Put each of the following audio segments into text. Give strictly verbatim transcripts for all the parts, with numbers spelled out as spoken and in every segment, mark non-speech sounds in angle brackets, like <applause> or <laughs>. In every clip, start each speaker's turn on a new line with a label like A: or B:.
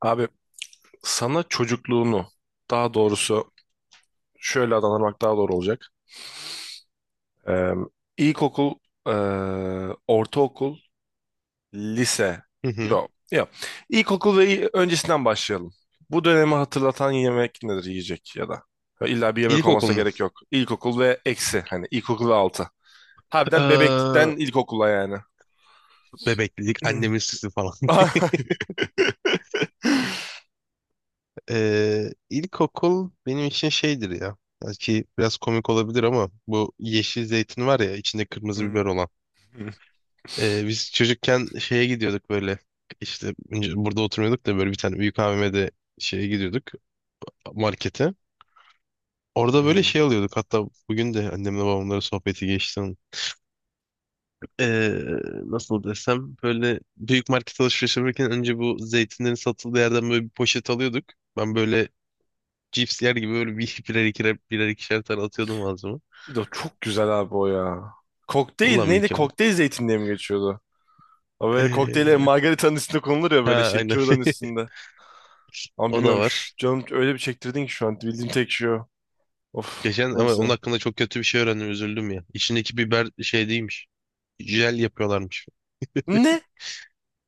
A: Abi sana çocukluğunu daha doğrusu şöyle adlandırmak daha doğru olacak. Ee, ilkokul, e, ortaokul, lise.
B: Hı hı.
A: Yok, yok. İlkokul ve il- öncesinden başlayalım. Bu dönemi hatırlatan yemek nedir yiyecek ya da? İlla bir yemek
B: İlkokul
A: olmasına
B: mu?
A: gerek yok. İlkokul ve eksi hani ilkokul ve altı. Harbiden bebeklikten
B: Ee,
A: ilkokula yani.
B: bebeklik, annemin sütü falan. <laughs>
A: <laughs>
B: Ee, ilkokul benim için şeydir ya. Belki biraz komik olabilir ama bu yeşil zeytin var ya içinde kırmızı
A: Hmm.
B: biber olan. Ee, biz çocukken şeye gidiyorduk böyle. İşte önce burada oturmuyorduk da böyle bir tane büyük A V M'de şeye gidiyorduk markete. Orada böyle
A: Hmm.
B: şey alıyorduk. Hatta bugün de annemle babamların sohbeti geçti. eee, nasıl desem böyle büyük market alışveriş yaparken önce bu zeytinlerin satıldığı yerden böyle bir poşet alıyorduk. Ben böyle cips yer gibi böyle bir <laughs> birer ikişer birer ikişer tane atıyordum ağzıma.
A: Bir de o çok güzel abi o ya. Kokteyl
B: Vallahi
A: neydi?
B: mükemmel.
A: Kokteyl zeytin diye mi geçiyordu? O böyle kokteyle
B: Eee,
A: margaritanın üstünde konulur ya böyle
B: ha
A: şey
B: aynen.
A: kürdanın
B: <laughs>
A: üstünde. Ama
B: O da
A: bilmiyorum
B: var.
A: şu canım öyle bir çektirdin ki şu an bildiğim tek şey o. Of
B: Geçen ama
A: neyse.
B: onun hakkında çok kötü bir şey öğrendim üzüldüm ya. İçindeki biber şey değilmiş. Jel yapıyorlarmış.
A: Ne?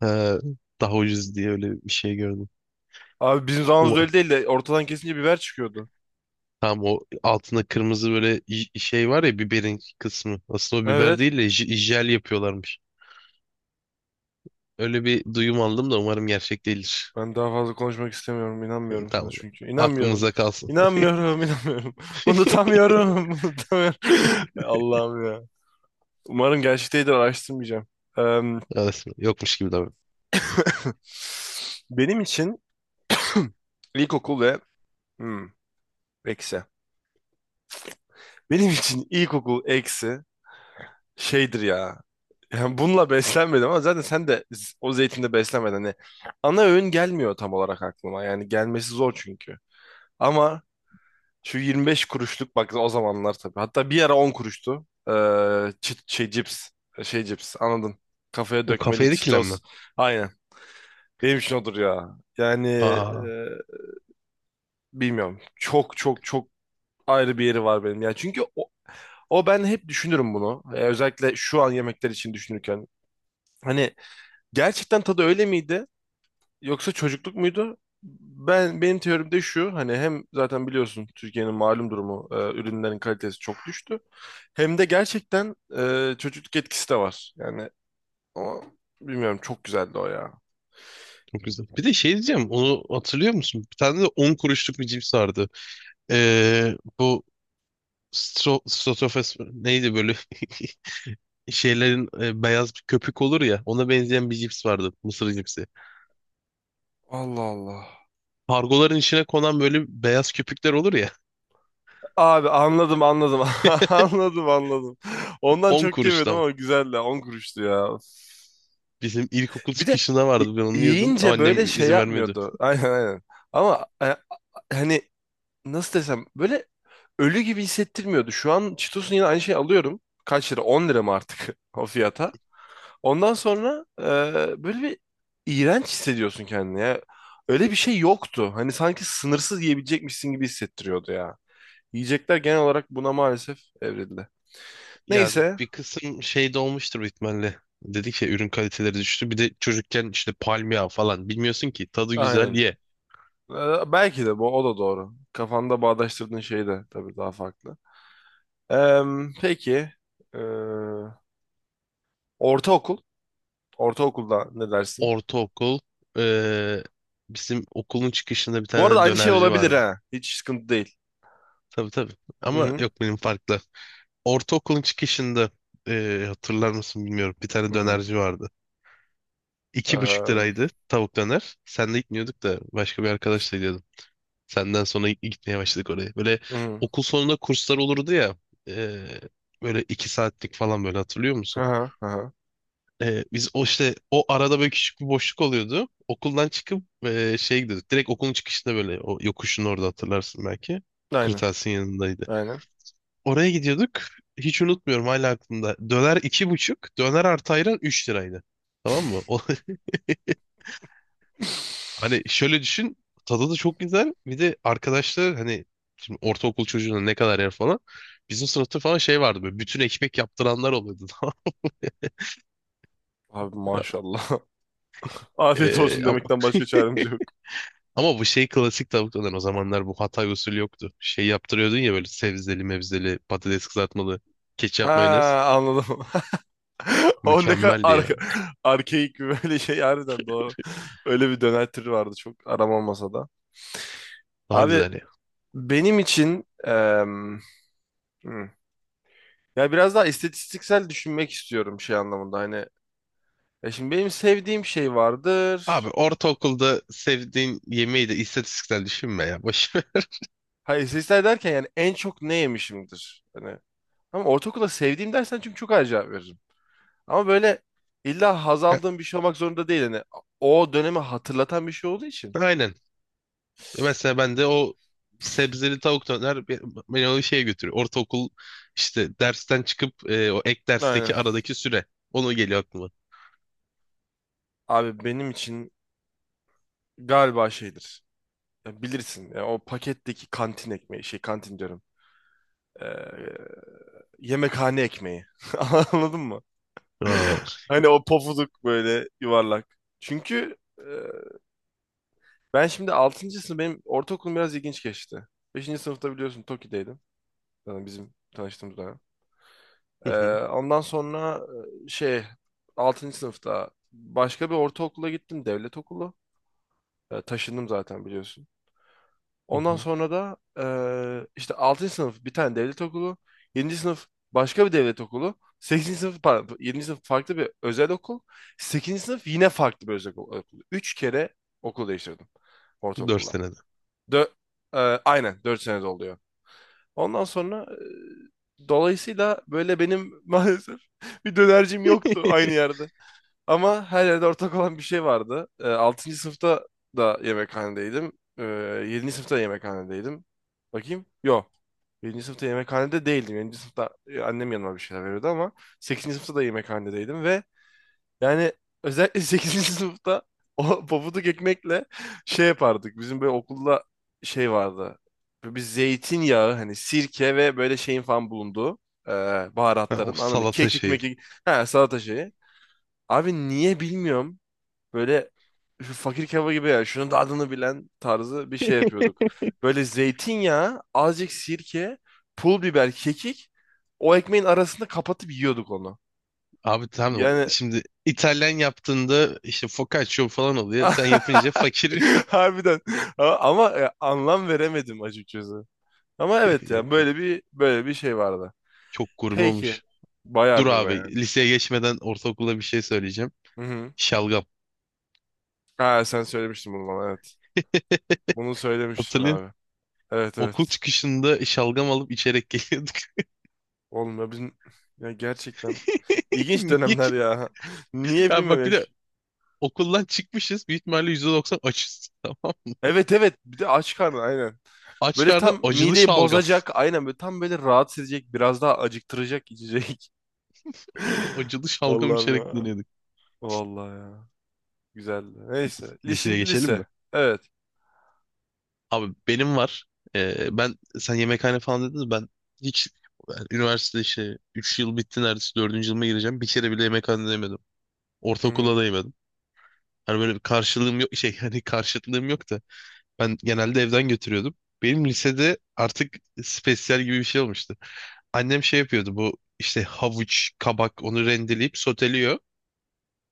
B: Ha, daha ucuz diye öyle bir şey gördüm.
A: Abi bizim zamanımızda öyle değil de ortadan kesince biber çıkıyordu.
B: Tam o altında kırmızı böyle j- şey var ya biberin kısmı. Aslında o biber
A: Evet.
B: değil de j- jel yapıyorlarmış. Öyle bir duyum aldım da umarım gerçek değildir.
A: Ben daha fazla konuşmak istemiyorum.
B: <laughs>
A: İnanmıyorum sana
B: Tamam.
A: çünkü. İnanmıyorum.
B: Aklımızda kalsın.
A: İnanmıyorum, inanmıyorum. <laughs>
B: <laughs>
A: Unutamıyorum, <laughs> unutamıyorum. <laughs> Allah'ım ya. Umarım gerçekteydi araştırmayacağım. Em,
B: Arasında yokmuş gibi davran.
A: benim için ilkokul ve... Hmm, eksi. Benim için ilkokul eksi şeydir ya. Yani bununla beslenmedim ama zaten sen de z- o zeytinde beslenmedin. Hani ana öğün gelmiyor tam olarak aklıma. Yani gelmesi zor çünkü. Ama şu yirmi beş kuruşluk bak o zamanlar tabii. Hatta bir ara on kuruştu. Ee, çi- şey cips. Şey cips anladın. Kafaya
B: O
A: dökmeli
B: kafaya
A: Cheetos.
B: dikilenme.
A: Aynen. Benim için odur ya. Yani e,
B: Aa,
A: bilmiyorum. Çok çok çok ayrı bir yeri var benim. Ya çünkü o, o ben hep düşünürüm bunu. Ee, özellikle şu an yemekler için düşünürken. Hani gerçekten tadı öyle miydi? Yoksa çocukluk muydu? Ben benim teorim de şu hani hem zaten biliyorsun Türkiye'nin malum durumu e, ürünlerin kalitesi çok düştü. Hem de gerçekten e, çocukluk etkisi de var. Yani ama bilmiyorum çok güzeldi o ya.
B: çok güzel. Bir de şey diyeceğim. Onu hatırlıyor musun? Bir tane de on kuruşluk bir cips vardı. Ee, bu stro strofes neydi böyle <laughs> şeylerin e, beyaz bir köpük olur ya. Ona benzeyen bir cips vardı. Mısır cipsi.
A: Allah Allah.
B: Kargoların içine konan böyle beyaz köpükler olur ya.
A: Abi anladım anladım. <laughs> Anladım anladım.
B: <laughs>
A: Ondan
B: on
A: çok yemedim
B: kuruştan.
A: ama güzeldi. On kuruştu ya.
B: Bizim ilkokul
A: Bir de
B: çıkışında
A: y-
B: vardı ben onu yiyordum ama
A: yiyince böyle
B: annem
A: şey
B: izin vermedi.
A: yapmıyordu. <laughs> Aynen aynen. Ama e, hani nasıl desem böyle ölü gibi hissettirmiyordu. Şu an Cheetos'un yine aynı şeyi alıyorum. Kaç lira? On lira mı artık <laughs> o fiyata? Ondan sonra e, böyle bir iğrenç hissediyorsun kendini ya. Öyle bir şey yoktu. Hani sanki sınırsız yiyebilecekmişsin gibi hissettiriyordu ya. Yiyecekler genel olarak buna maalesef evrildi.
B: Ya
A: Neyse.
B: bir kısım şey de olmuştur büyük ihtimalle. Dedik ya ürün kaliteleri düştü. Bir de çocukken işte palmiye falan bilmiyorsun ki tadı güzel
A: Aynen.
B: ye.
A: Ee, belki de bu o da doğru. Kafanda bağdaştırdığın şey de tabii daha farklı. Ee, peki. ee, ortaokul. Ortaokulda ne dersin?
B: Ortaokul. eee, bizim okulun çıkışında bir
A: Bu arada
B: tane
A: aynı şey
B: dönerci
A: olabilir
B: vardı.
A: ha. Hiç sıkıntı değil.
B: Tabii tabii.
A: Hı
B: Ama
A: hı.
B: yok benim farklı. Ortaokulun çıkışında eee, hatırlar mısın bilmiyorum. Bir
A: Hı
B: tane
A: hı.
B: dönerci vardı.
A: Ee,
B: İki buçuk
A: hı
B: liraydı tavuk döner. Sen de gitmiyorduk da başka bir arkadaşla. Senden sonra gitmeye başladık oraya. Böyle
A: hı.
B: okul sonunda kurslar olurdu ya. e, böyle iki saatlik falan böyle hatırlıyor
A: Hı
B: musun?
A: hı.
B: E, biz o işte o arada böyle küçük bir boşluk oluyordu. Okuldan çıkıp e, şey gidiyorduk. Direkt okulun çıkışında böyle o yokuşun orada hatırlarsın belki.
A: Aynen.
B: Kırtasiyenin yanındaydı.
A: Aynen.
B: Oraya gidiyorduk. Hiç unutmuyorum hala aklımda. Döner iki buçuk. Döner artı ayran üç liraydı. Tamam mı? O, Hani şöyle düşün. Tadı da çok güzel. Bir de arkadaşlar hani şimdi ortaokul çocuğuna ne kadar yer falan. Bizim sınıfta falan şey vardı böyle bütün ekmek yaptıranlar oluyordu. <laughs> Tamam
A: Abi
B: mı?
A: maşallah. <laughs> Afiyet
B: Ee,
A: olsun
B: ama,
A: demekten başka
B: <laughs>
A: çaremiz yok.
B: ama bu şey klasik tavuk döner o zamanlar bu Hatay usulü yoktu. Şey yaptırıyordun ya böyle sebzeli mevzeli patates kızartmalı
A: Ha
B: ketçap mayonez.
A: anladım. <laughs> <laughs> O ne kadar
B: Mükemmeldi
A: ar
B: ya.
A: arkeik bir böyle şey harbiden doğru. Öyle bir döner vardı çok aram masada.
B: Daha
A: Abi
B: güzel ya.
A: benim için em, hmm, ya biraz daha istatistiksel düşünmek istiyorum şey anlamında hani. Ya şimdi benim sevdiğim şey
B: Abi
A: vardır.
B: ortaokulda sevdiğin yemeği de istatistiksel düşünme ya. Boş ver.
A: Hayır istatistiksel derken yani en çok ne yemişimdir. Hani, ama ortaokulda sevdiğim dersen çünkü çok acayip veririm. Ama böyle illa haz aldığım
B: <laughs>
A: bir şey olmak zorunda değil. Hani o dönemi hatırlatan bir şey olduğu için.
B: Aynen. Mesela ben de o sebzeli tavuk döner be- beni o şeye götürüyor. Ortaokul işte dersten çıkıp e, o ek
A: Aynen.
B: dersteki aradaki süre. Onu geliyor aklıma.
A: Abi benim için galiba şeydir. Ya bilirsin ya o paketteki kantin ekmeği şey kantin diyorum. Ee, yemekhane ekmeği. <laughs> Anladın mı? <laughs>
B: Aa.
A: Hani o pofuduk böyle yuvarlak. Çünkü e, ben şimdi altıncı sınıf benim ortaokulum biraz ilginç geçti. Beşinci sınıfta biliyorsun Toki'deydim. Yani bizim tanıştığımız dönem. Ee,
B: Hı hı,
A: ondan sonra e, şey altıncı sınıfta başka bir ortaokula gittim devlet okulu. Ee, taşındım zaten biliyorsun.
B: hı
A: Ondan
B: hı.
A: sonra da eee, işte altıncı sınıf bir tane devlet okulu, yedinci sınıf başka bir devlet okulu, sekizinci sınıf pardon, yedinci sınıf farklı bir özel okul, sekizinci sınıf yine farklı bir özel okul. Üç kere okul değiştirdim
B: Dört
A: ortaokulda.
B: senede.
A: Dö eee, aynen dört sene oluyor. Ondan sonra eee, dolayısıyla böyle benim <laughs> maalesef bir dönercim yoktu aynı
B: <laughs>
A: yerde. Ama her yerde ortak olan bir şey vardı. E, altıncı sınıfta da yemekhanedeydim. E, yedinci sınıfta da yemekhanedeydim. Bakayım. Yok. Yedinci sınıfta yemekhanede değildim. Yedinci sınıfta e, annem yanıma bir şeyler veriyordu ama sekizinci sınıfta da yemekhanedeydim ve yani özellikle <laughs> sekizinci sınıfta o pabuduk ekmekle şey yapardık. Bizim böyle okulda şey vardı. Böyle bir zeytinyağı hani sirke ve böyle şeyin falan bulunduğu e,
B: Ha, o
A: baharatların anladın mı?
B: salata
A: Kekik
B: şeyi.
A: mekik. Ha salata şeyi. Abi niye bilmiyorum. Böyle şu fakir kebabı gibi ya. Şunun da adını bilen tarzı bir şey yapıyorduk. Böyle zeytinyağı, azıcık sirke, pul biber, kekik. O ekmeğin arasında kapatıp yiyorduk onu.
B: Abi tamam
A: Yani
B: şimdi İtalyan yaptığında işte focaccia falan oluyor. Sen yapınca
A: <laughs>
B: fakir. <laughs>
A: harbiden A- ama e, anlam veremedim açıkçası. Ama evet ya
B: Yok yok.
A: böyle bir böyle bir şey vardı.
B: Çok gurme
A: Peki.
B: olmuş.
A: Bayağı
B: Dur
A: gurme
B: abi
A: yani.
B: liseye geçmeden ortaokula bir şey söyleyeceğim.
A: Hı hı.
B: Şalgam.
A: Ha, sen söylemiştin bunu bana evet. Bunu söylemiştin
B: Hatırlıyor
A: abi. Evet
B: Okul
A: evet.
B: çıkışında şalgam alıp içerek geliyorduk.
A: Oğlum ya bizim ya gerçekten
B: <laughs>
A: ilginç
B: Niye?
A: dönemler ya. <laughs> Niye
B: Ya
A: bilmiyorum
B: bak
A: ya.
B: bir de okuldan çıkmışız. Büyük ihtimalle yüzde doksan açız. Tamam.
A: Evet evet bir de aç karnı aynen.
B: Aç
A: Böyle
B: karnına
A: tam
B: acılı
A: mideyi
B: şalgam.
A: bozacak
B: <laughs>
A: aynen böyle tam böyle rahatsız edecek biraz daha acıktıracak içecek. <laughs>
B: Acılı şalgam
A: Allah'ım
B: içerek
A: ya.
B: dinliyorduk.
A: Vallahi ya. Güzeldi. Neyse. Li-
B: Liseye
A: Şimdi
B: geçelim mi?
A: lise. Evet.
B: Abi benim var. Ee, ben sen yemekhane falan dediniz ben hiç yani üniversite işte üç yıl bitti neredeyse dördüncü yılıma gireceğim. Bir kere bile yemekhane yemedim.
A: Hı
B: Ortaokulda
A: hı.
B: da yemedim. Hani böyle bir karşılığım yok şey <laughs> hani karşıtlığım yok da ben genelde evden götürüyordum. Benim lisede artık spesyal gibi bir şey olmuştu. Annem şey yapıyordu bu işte havuç, kabak onu rendeleyip soteliyor.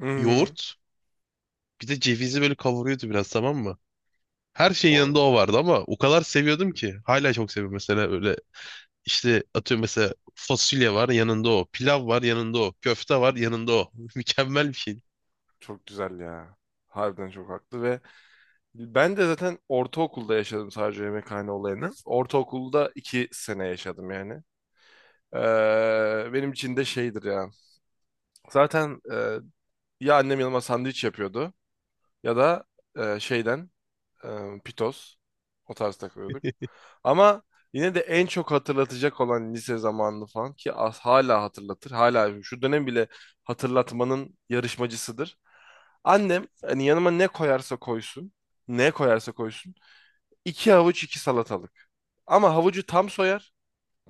A: Hı hı.
B: Yoğurt bir de cevizi böyle kavuruyordu biraz tamam mı? Her şeyin
A: Oy,
B: yanında o vardı ama o kadar seviyordum ki. Hala çok seviyorum mesela öyle İşte atıyorum mesela fasulye var yanında o. Pilav var yanında o. Köfte var yanında o. <laughs> Mükemmel bir şey.
A: çok güzel ya. Harbiden çok haklı ve ben de zaten ortaokulda yaşadım sadece yemekhane olayını. Ortaokulda iki sene yaşadım yani. Ee, benim için de şeydir ya. Zaten e, ya annem yanıma sandviç yapıyordu ya da e, şeyden e, pitoz o tarz takılıyorduk. Ama yine de en çok hatırlatacak olan lise zamanını falan ki as- hala hatırlatır. Hala şu dönem bile hatırlatmanın yarışmacısıdır. Annem hani yanıma ne koyarsa koysun, ne koyarsa koysun iki havuç iki salatalık. Ama havucu tam soyar.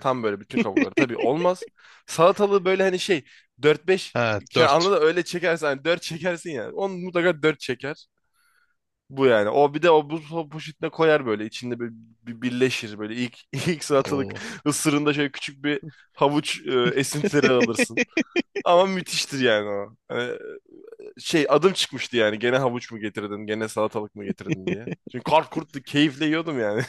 A: Tam böyle bütün kabukları. Tabii olmaz. Salatalığı böyle hani şey dört beş
B: Ha
A: anla
B: dört.
A: anladın öyle çekersen hani dört çekersin yani. Onu mutlaka dört çeker. Bu yani. O bir de o buz po- poşetine koyar böyle. İçinde böyle bir birleşir böyle. İlk <laughs> ilk salatalık
B: Oo.
A: ısırında şöyle küçük bir havuç e, esintileri alırsın. Ama müthiştir yani o. Hani, e, şey adım çıkmıştı yani. Gene havuç mu getirdin? Gene salatalık mı getirdin diye.
B: <laughs>
A: Çünkü kar kurttu. Keyifle yiyordum yani.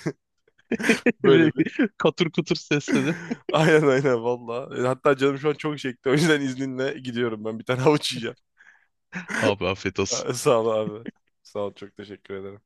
A: <laughs>
B: Bir de
A: Böyle bir.
B: katır kutur sesledim.
A: <laughs> Aynen aynen valla. E, Hatta canım şu an çok çekti. O yüzden izninle gidiyorum ben. Bir tane havuç yiyeceğim. <laughs>
B: Abi afiyet olsun.
A: Sağ ol abi. Sağ ol çok teşekkür ederim.